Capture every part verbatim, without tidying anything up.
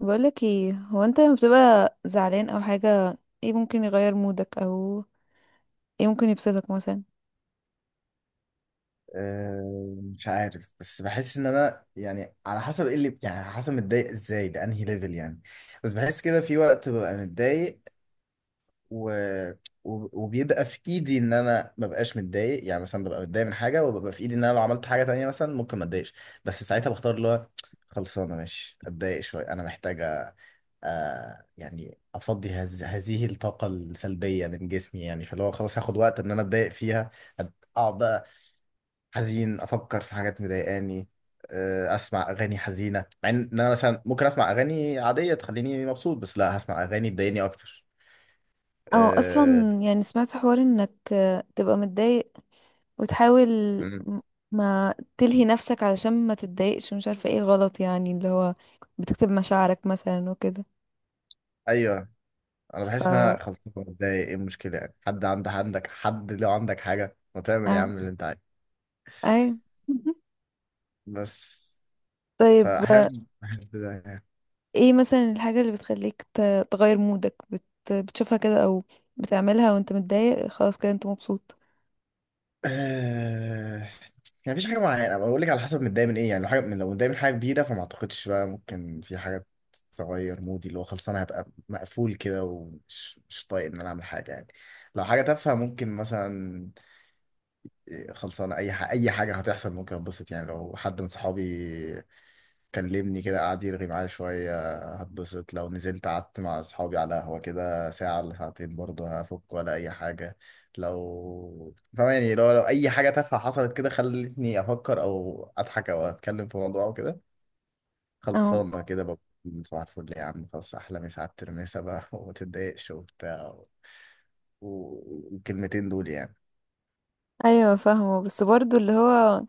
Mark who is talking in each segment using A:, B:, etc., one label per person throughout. A: بقولك ايه، هو انت لما بتبقى زعلان او حاجة، ايه ممكن يغير مودك او ايه ممكن يبسطك مثلا؟
B: آه، مش عارف، بس بحس ان انا يعني على حسب ايه اللي يعني على حسب متضايق ازاي بانهي ليفل يعني. بس بحس كده في وقت ببقى متضايق، و... و- وبيبقى في ايدي ان انا ما بقاش متضايق، يعني مثلا ببقى متضايق من حاجه وببقى في ايدي ان انا لو عملت حاجه تانية مثلا ممكن ما اتضايقش. بس ساعتها بختار اللي هو خلصانه ماشي، اتضايق شويه، انا محتاجه. آه يعني افضي هز... هذه الطاقه السلبيه من جسمي، يعني فاللي هو خلاص هاخد وقت ان انا اتضايق فيها، اقعد بقى حزين، افكر في حاجات مضايقاني، آه، اسمع اغاني حزينه، مع ان انا مثلا ممكن اسمع اغاني عاديه تخليني مبسوط، بس لا، هسمع اغاني تضايقني اكتر.
A: او
B: أه...
A: اصلا يعني سمعت حوار انك آه، تبقى متضايق وتحاول
B: مم.
A: م- ما تلهي نفسك علشان ما تتضايقش، ومش عارفة ايه غلط يعني، اللي هو بتكتب مشاعرك مثلا وكده؟
B: ايوه، انا
A: ف
B: بحس ان انا خلصت بتضايق، ايه المشكله يعني، حد عندك عندك حد، لو عندك حاجه ما تعمل يا
A: آه،
B: عم اللي انت عايزه،
A: اي
B: بس.
A: طيب. آه،
B: فاهم.
A: ايه مثلا الحاجة اللي بتخليك ت- تغير مودك؟ بت... بتشوفها كده او بتعملها وانت متضايق خلاص كده انت مبسوط؟
B: آه... يعني مفيش حاجة معينة، أنا بقول لك على حسب متضايق من ايه. يعني لو حاجة من، لو متضايق من حاجة كبيرة، فما اعتقدش بقى ممكن في حاجة تغير مودي، اللي هو خلاص انا هبقى مقفول كده ومش مش طايق ان انا اعمل حاجة يعني. لو حاجة تافهة ممكن مثلا، خلصانة، اي حاجة اي حاجة هتحصل ممكن اتبسط. يعني لو حد من صحابي كلمني كده، قعد يرغي معايا شوية، هتبسط. لو نزلت قعدت مع أصحابي على قهوة كده ساعة ولا ساعتين، برضه هفك ولا أي حاجة. لو فاهم يعني، لو, لو أي حاجة تافهة حصلت كده، خلتني أفكر أو أضحك أو أتكلم في موضوع أو كده، خلصانة كده بكون صباح الفل يا عم، خلاص، أحلى مسا على الترميسة بقى وما تتضايقش وبتاع. و- والكلمتين دول يعني.
A: ايوه، فاهمه. بس برضو اللي هو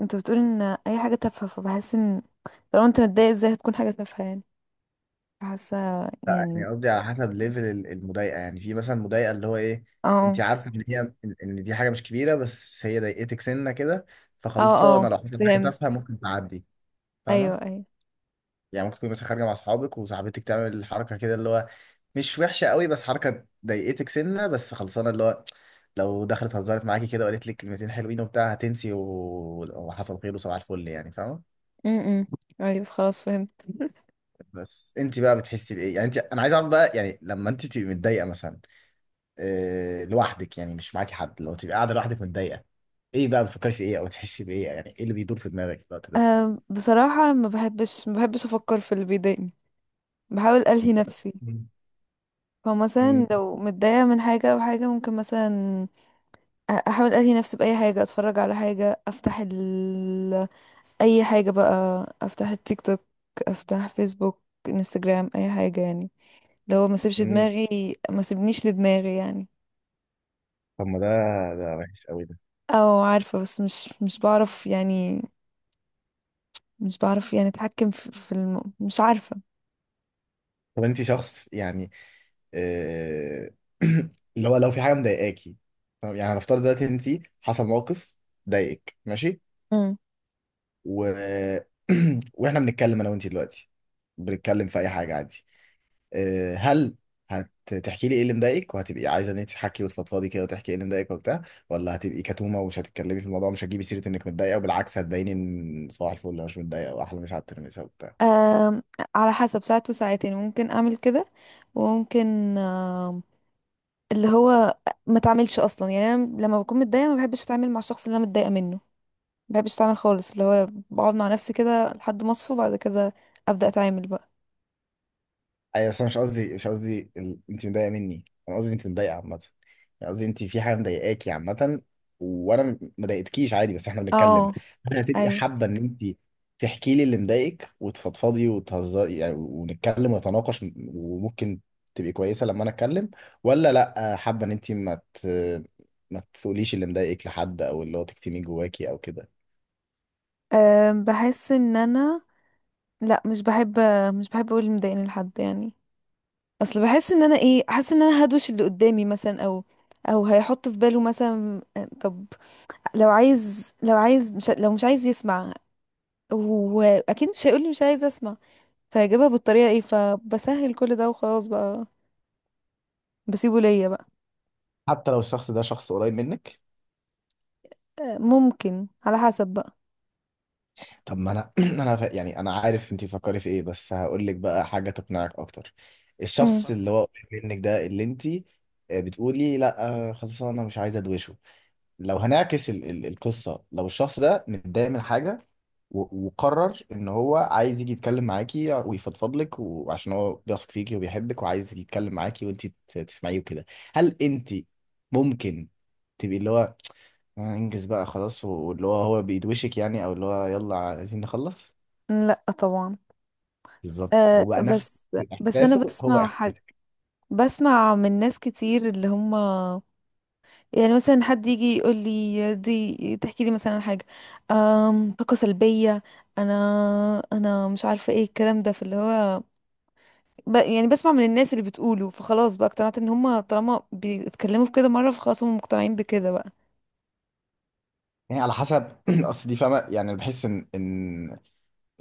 A: انت بتقول ان اي حاجه تافهه، فبحس ان طالما انت متضايق، ازاي هتكون حاجه تافهه يعني؟ حاسه
B: لا،
A: يعني.
B: يعني قصدي على حسب ليفل ال- المضايقه. يعني في مثلا مضايقه اللي هو ايه، انت
A: اه،
B: عارفه ان هي، ان إن دي حاجه مش كبيره، بس هي ضايقتك سنه كده.
A: اه، اه،
B: فخلصانه لو حصلت حاجه
A: فهمت.
B: تافهه ممكن تعدي. فاهمه.
A: ايوه، ايوه.
B: يعني ممكن تكون مثلا خارجه مع اصحابك، وصاحبتك تعمل حركه كده اللي هو مش وحشه قوي، بس حركه ضايقتك سنه. بس خلصانه اللي هو لو دخلت هزرت معاكي كده وقالت لك كلمتين حلوين وبتاع، هتنسي و- وحصل خير وصباح الفل يعني، فاهمه؟
A: امم، ايوه خلاص فهمت.
B: بس انت بقى بتحسي بايه يعني، انت انا عايز اعرف بقى، يعني لما انت تبقي متضايقه مثلا، آه، لوحدك، يعني مش معاكي حد، لو تبقى قاعده لوحدك متضايقه، ايه بقى بتفكري في ايه، او تحسي بايه، يعني ايه اللي بيدور في دماغك في الوقت ده؟
A: أه، بصراحه ما بحبش ما بحبش افكر في اللي بيضايقني، بحاول الهي نفسي.
B: مم. مم.
A: فمثلا لو متضايقه من حاجه او حاجه، ممكن مثلا أ- احاول الهي نفسي باي حاجه، اتفرج على حاجه، افتح اي حاجة بقى، افتح التيك توك، افتح فيسبوك، انستجرام، اي حاجة يعني. لو ما سيبش
B: مم.
A: دماغي، ما سيبنيش لدماغي يعني.
B: طب ما ده ده وحش قوي ده.
A: او عارفة، بس مش مش بعرف يعني، مش بعرف يعني اتحكم في, في الم... مش عارفة.
B: طب انت شخص يعني، آه، اللي هو لو في حاجه مضايقاكي، طب يعني هنفترض دلوقتي انت حصل موقف ضايقك ماشي،
A: امم،
B: و... واحنا بنتكلم انا وانت دلوقتي، بنتكلم في اي حاجه عادي، آه، هل هتحكي لي ايه اللي مضايقك، وهتبقي عايزه ان انت تحكي وتفضفضي كده وتحكي ايه اللي مضايقك وبتاع، ولا هتبقي كتومه ومش هتتكلمي في الموضوع، مش هتجيبي سيره انك متضايقه، وبالعكس هتبيني ان صباح الفل انا مش متضايقه واحلى مش على الترميسه وبتاع؟
A: أم، على حسب. ساعات وساعتين ممكن اعمل كده، وممكن أم، اللي هو ما اتعاملش اصلا يعني. انا لما بكون متضايقة ما بحبش اتعامل مع الشخص اللي انا متضايقة منه، ما بحبش اتعامل خالص. اللي هو بقعد مع نفسي كده لحد ما اصفى، بعد كده ابدا اتعامل بقى.
B: ايوه، بس أنا مش قصدي مش قصدي ال... انت مضايقه مني، انا قصدي انت متضايقه عامه، يعني قصدي انت في حاجه مضايقاكي عامه، وانا م- ما ضايقتكيش، عادي بس احنا بنتكلم.
A: اه،
B: ممكن هتبقي
A: ايوه.
B: حابه ان انت تحكي لي اللي مضايقك وتفضفضي وتهزري، يعني ونتكلم ونتناقش، وممكن تبقي كويسه لما انا اتكلم، ولا لا حابه ان انت ما ت... ما تقوليش اللي مضايقك لحد، او اللي هو تكتميه جواكي او كده؟
A: أم، بحس ان انا، لا مش بحب مش بحب اقول اللي مضايقني لحد يعني. اصل بحس ان انا ايه، حاسه ان انا هدوش اللي قدامي مثلا، او او هيحط في باله مثلا، أه طب لو عايز، لو عايز، مش لو مش عايز يسمع. واكيد مش هيقولي مش عايز اسمع. فهجيبها بالطريقه ايه، فبسهل كل ده وخلاص بقى، بسيبه ليا بقى.
B: حتى لو الشخص ده شخص قريب منك؟
A: أه، ممكن، على حسب بقى.
B: طب ما انا انا ف- يعني انا عارف انت بتفكري في ايه، بس هقول لك بقى حاجه تقنعك اكتر.
A: مم.
B: الشخص اللي
A: شخص.
B: هو قريب منك ده، اللي انت، آه، بتقولي لا، آه، خلاص انا مش عايزه ادوشه، لو هنعكس ال ال القصه، لو الشخص ده متضايق من حاجه و- وقرر ان هو عايز يجي يتكلم معاكي ويفضفض لك، وعشان هو بيثق فيكي وبيحبك وعايز يتكلم معاكي، وانت ت- تسمعيه وكده، هل انت ممكن تبقي اللي هو، آه، انجز بقى خلاص، واللي هو هو بيدوشك يعني، او اللي هو يلا عايزين نخلص؟
A: لا طبعا.
B: بالظبط، هو
A: أه
B: بقى نفس
A: بس، بس انا
B: احساسه هو
A: بسمع،
B: احساسك،
A: بسمع من ناس كتير اللي هم يعني مثلا، حد يجي يقول لي دي، تحكي لي مثلا حاجة، أم، طاقة سلبية. انا انا مش عارفة ايه الكلام ده في اللي هو ب... يعني بسمع من الناس اللي بتقوله، فخلاص بقى اقتنعت ان هم طالما بيتكلموا في كده مرة، فخلاص هم مقتنعين بكده بقى.
B: يعني على حسب. اصل دي فاهمه، يعني انا بحس ان ان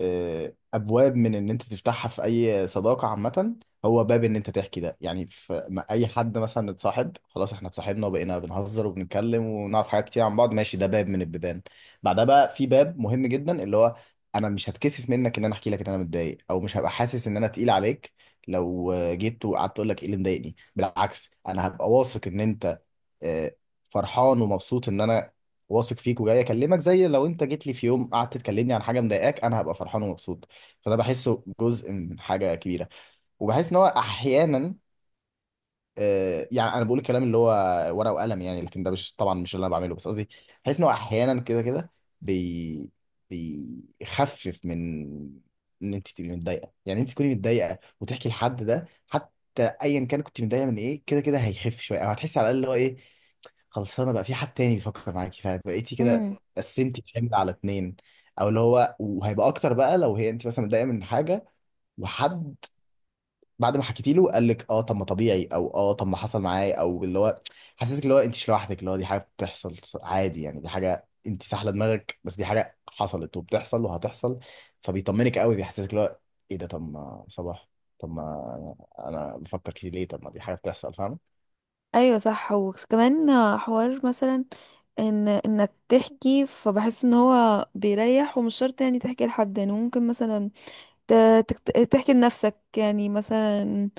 B: آه، ابواب من ان انت تفتحها في اي صداقه عامه، هو باب ان انت تحكي ده. يعني في ما- اي حد مثلا اتصاحب خلاص، احنا اتصاحبنا وبقينا بنهزر وبنتكلم ونعرف حاجات كتير عن بعض، ماشي، ده باب من البيبان. بعدها بقى في باب مهم جدا، اللي هو انا مش هتكسف منك ان انا احكي لك ان انا متضايق، او مش هبقى حاسس ان انا تقيل عليك. لو آه، جيت وقعدت تقول لك ايه اللي مضايقني، بالعكس انا هبقى واثق ان انت، آه، فرحان ومبسوط ان انا واثق فيك وجاي اكلمك، زي لو انت جيت لي في يوم قعدت تكلمني عن حاجه مضايقاك، انا هبقى فرحان ومبسوط. فده بحسه جزء من حاجه كبيره، وبحس ان هو احيانا، آه، يعني انا بقول الكلام اللي هو ورقه وقلم يعني، لكن ده مش، طبعا مش اللي انا بعمله، بس قصدي بحس ان هو احيانا كده كده بي بيخفف من ان انت تبقي متضايقه. يعني انت تكوني متضايقه وتحكي لحد ده، حتى ايا كان كنت متضايقه من ايه، كده كده هيخف شويه، او هتحسي على الاقل اللي هو ايه، خلصانه بقى في حد تاني بيفكر معاكي، فبقيتي كده
A: امم.
B: قسمتي الحمل على اتنين. او اللي هو، وهيبقى اكتر بقى لو، هي انت مثلا متضايقه من حاجه وحد بعد ما حكيتي له قال لك اه طب ما طبيعي، او اه طب ما حصل معايا، او اللي هو حسسك اللي هو انت مش لوحدك، اللي هو دي حاجه بتحصل عادي يعني، دي حاجه انت سحله دماغك، بس دي حاجه حصلت وبتحصل وهتحصل. فبيطمنك قوي، بيحسسك اللي هو ايه ده، طب ما صباح، طب ما انا بفكر كتير ليه، طب ما دي حاجه بتحصل، فاهم؟
A: ايوه صح، وكمان حوار مثلا ان انك تحكي، فبحس ان هو بيريح. ومش شرط يعني تحكي لحد، يعني ممكن مثلا ت- تكت- تحكي لنفسك يعني مثلا،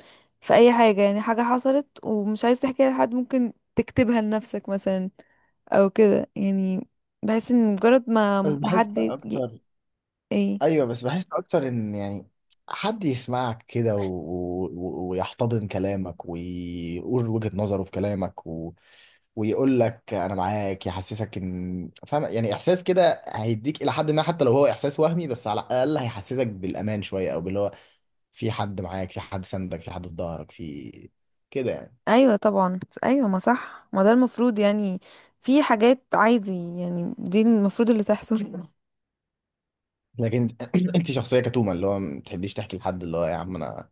A: في اي حاجة، يعني حاجة حصلت ومش عايز تحكيها لحد، ممكن تكتبها لنفسك مثلا او كده يعني. بحس ان مجرد ما
B: بس
A: ما
B: بحس
A: حد يجي-
B: اكتر.
A: ايه،
B: ايوه، بس بحس اكتر ان يعني حد يسمعك كده، و... و... و- ويحتضن كلامك ويقول وجهة نظره في كلامك، ويقول لك انا معاك، يحسسك ان فاهم يعني، احساس كده هيديك الى حد ما، حتى لو هو احساس وهمي، بس على الاقل هيحسسك بالامان شويه، او باللي هو في حد معاك، في حد سندك، في حد في ظهرك، في كده يعني.
A: ايوه طبعا. ايوه ما صح، ما ده المفروض يعني. في حاجات عادي يعني دي المفروض اللي تحصل.
B: لكن انت شخصيه كتومه، اللي هو ما بتحبيش تحكي لحد، اللي هو يا عم انا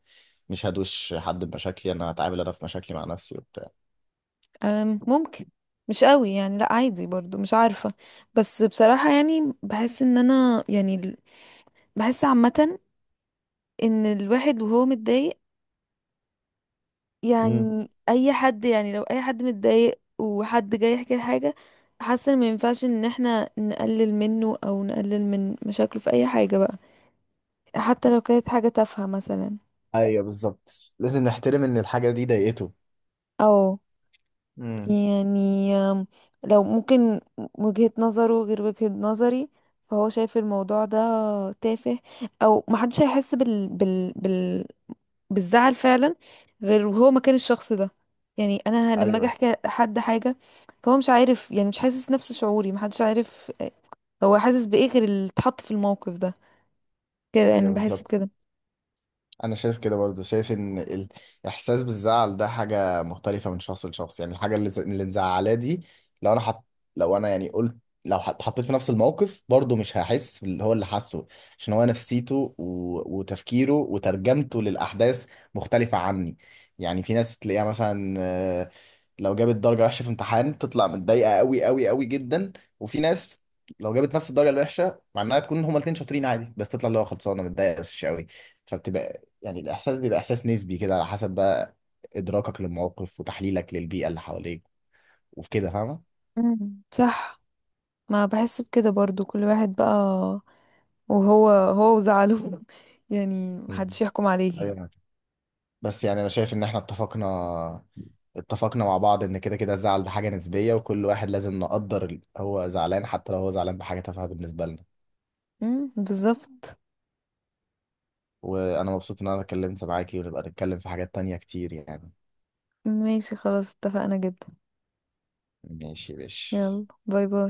B: مش هدوش حد بمشاكلي، انا هتعامل انا في مشاكلي مع نفسي وبتاع.
A: أم، ممكن. مش قوي يعني، لا عادي، برضو مش عارفة. بس بصراحة يعني بحس ان انا يعني ال- بحس عامة ان الواحد وهو متضايق،
B: امم
A: يعني اي حد، يعني لو اي حد متضايق وحد جاي يحكي حاجة، حاسه ان ما ينفعش ان احنا نقلل منه او نقلل من مشاكله في اي حاجة بقى، حتى لو كانت حاجة تافهة مثلا.
B: ايوه بالظبط، لازم نحترم ان الحاجه دي ضايقته.
A: او
B: امم.
A: يعني أم، لو ممكن وجهة نظره غير وجهة نظري، فهو شايف الموضوع ده تافه. او محدش هيحس بال بال بال... بالزعل فعلا غير وهو مكان الشخص ده. يعني انا لما اجي
B: ايوه،
A: احكي لحد حاجه، فهو مش عارف يعني، مش حاسس نفس شعوري. محدش عارف هو حاسس بايه غير اللي اتحط في الموقف ده، كده
B: ايوه
A: يعني، بحس
B: بالظبط،
A: بكده.
B: انا شايف كده، برضه شايف ان الاحساس بالزعل ده حاجه مختلفه من شخص لشخص، يعني الحاجه اللي ز- اللي مزعلاه دي، لو انا حط، لو انا يعني قلت، لو حط- حطيت في نفس الموقف، برضه مش هحس اللي هو اللي حاسه، عشان هو نفسيته و... وتفكيره وترجمته للاحداث مختلفه عني. يعني في ناس تلاقيها مثلا، آه، لو جابت درجه وحشه في امتحان تطلع متضايقه قوي قوي قوي جدا، وفي ناس لو جابت نفس الدرجه الوحشه، مع انها تكون هما الاثنين شاطرين عادي، بس تطلع اللي هو خلصانه متضايقه بس مش قوي. فبتبقى، يعني الإحساس بيبقى إحساس نسبي كده، على حسب بقى إدراكك للموقف وتحليلك للبيئة اللي حواليك وكده، فاهمة؟
A: مم. صح. ما بحس بكده برضو، كل واحد بقى وهو هو وزعله يعني
B: مم.
A: محدش يحكم عليه.
B: ايوه، بس يعني أنا شايف إن إحنا اتفقنا اتفقنا مع بعض إن كده كده الزعل ده حاجة نسبية، وكل واحد لازم نقدر ال- هو زعلان، حتى لو هو زعلان بحاجة تافهة بالنسبة لنا.
A: مم، بالظبط.
B: وأنا مبسوط إن أنا اتكلمت معاكي، ونبقى نتكلم في حاجات تانية كتير يعني.
A: ماشي خلاص، اتفقنا جدا.
B: ماشي يا باشا.
A: يلا، باي باي.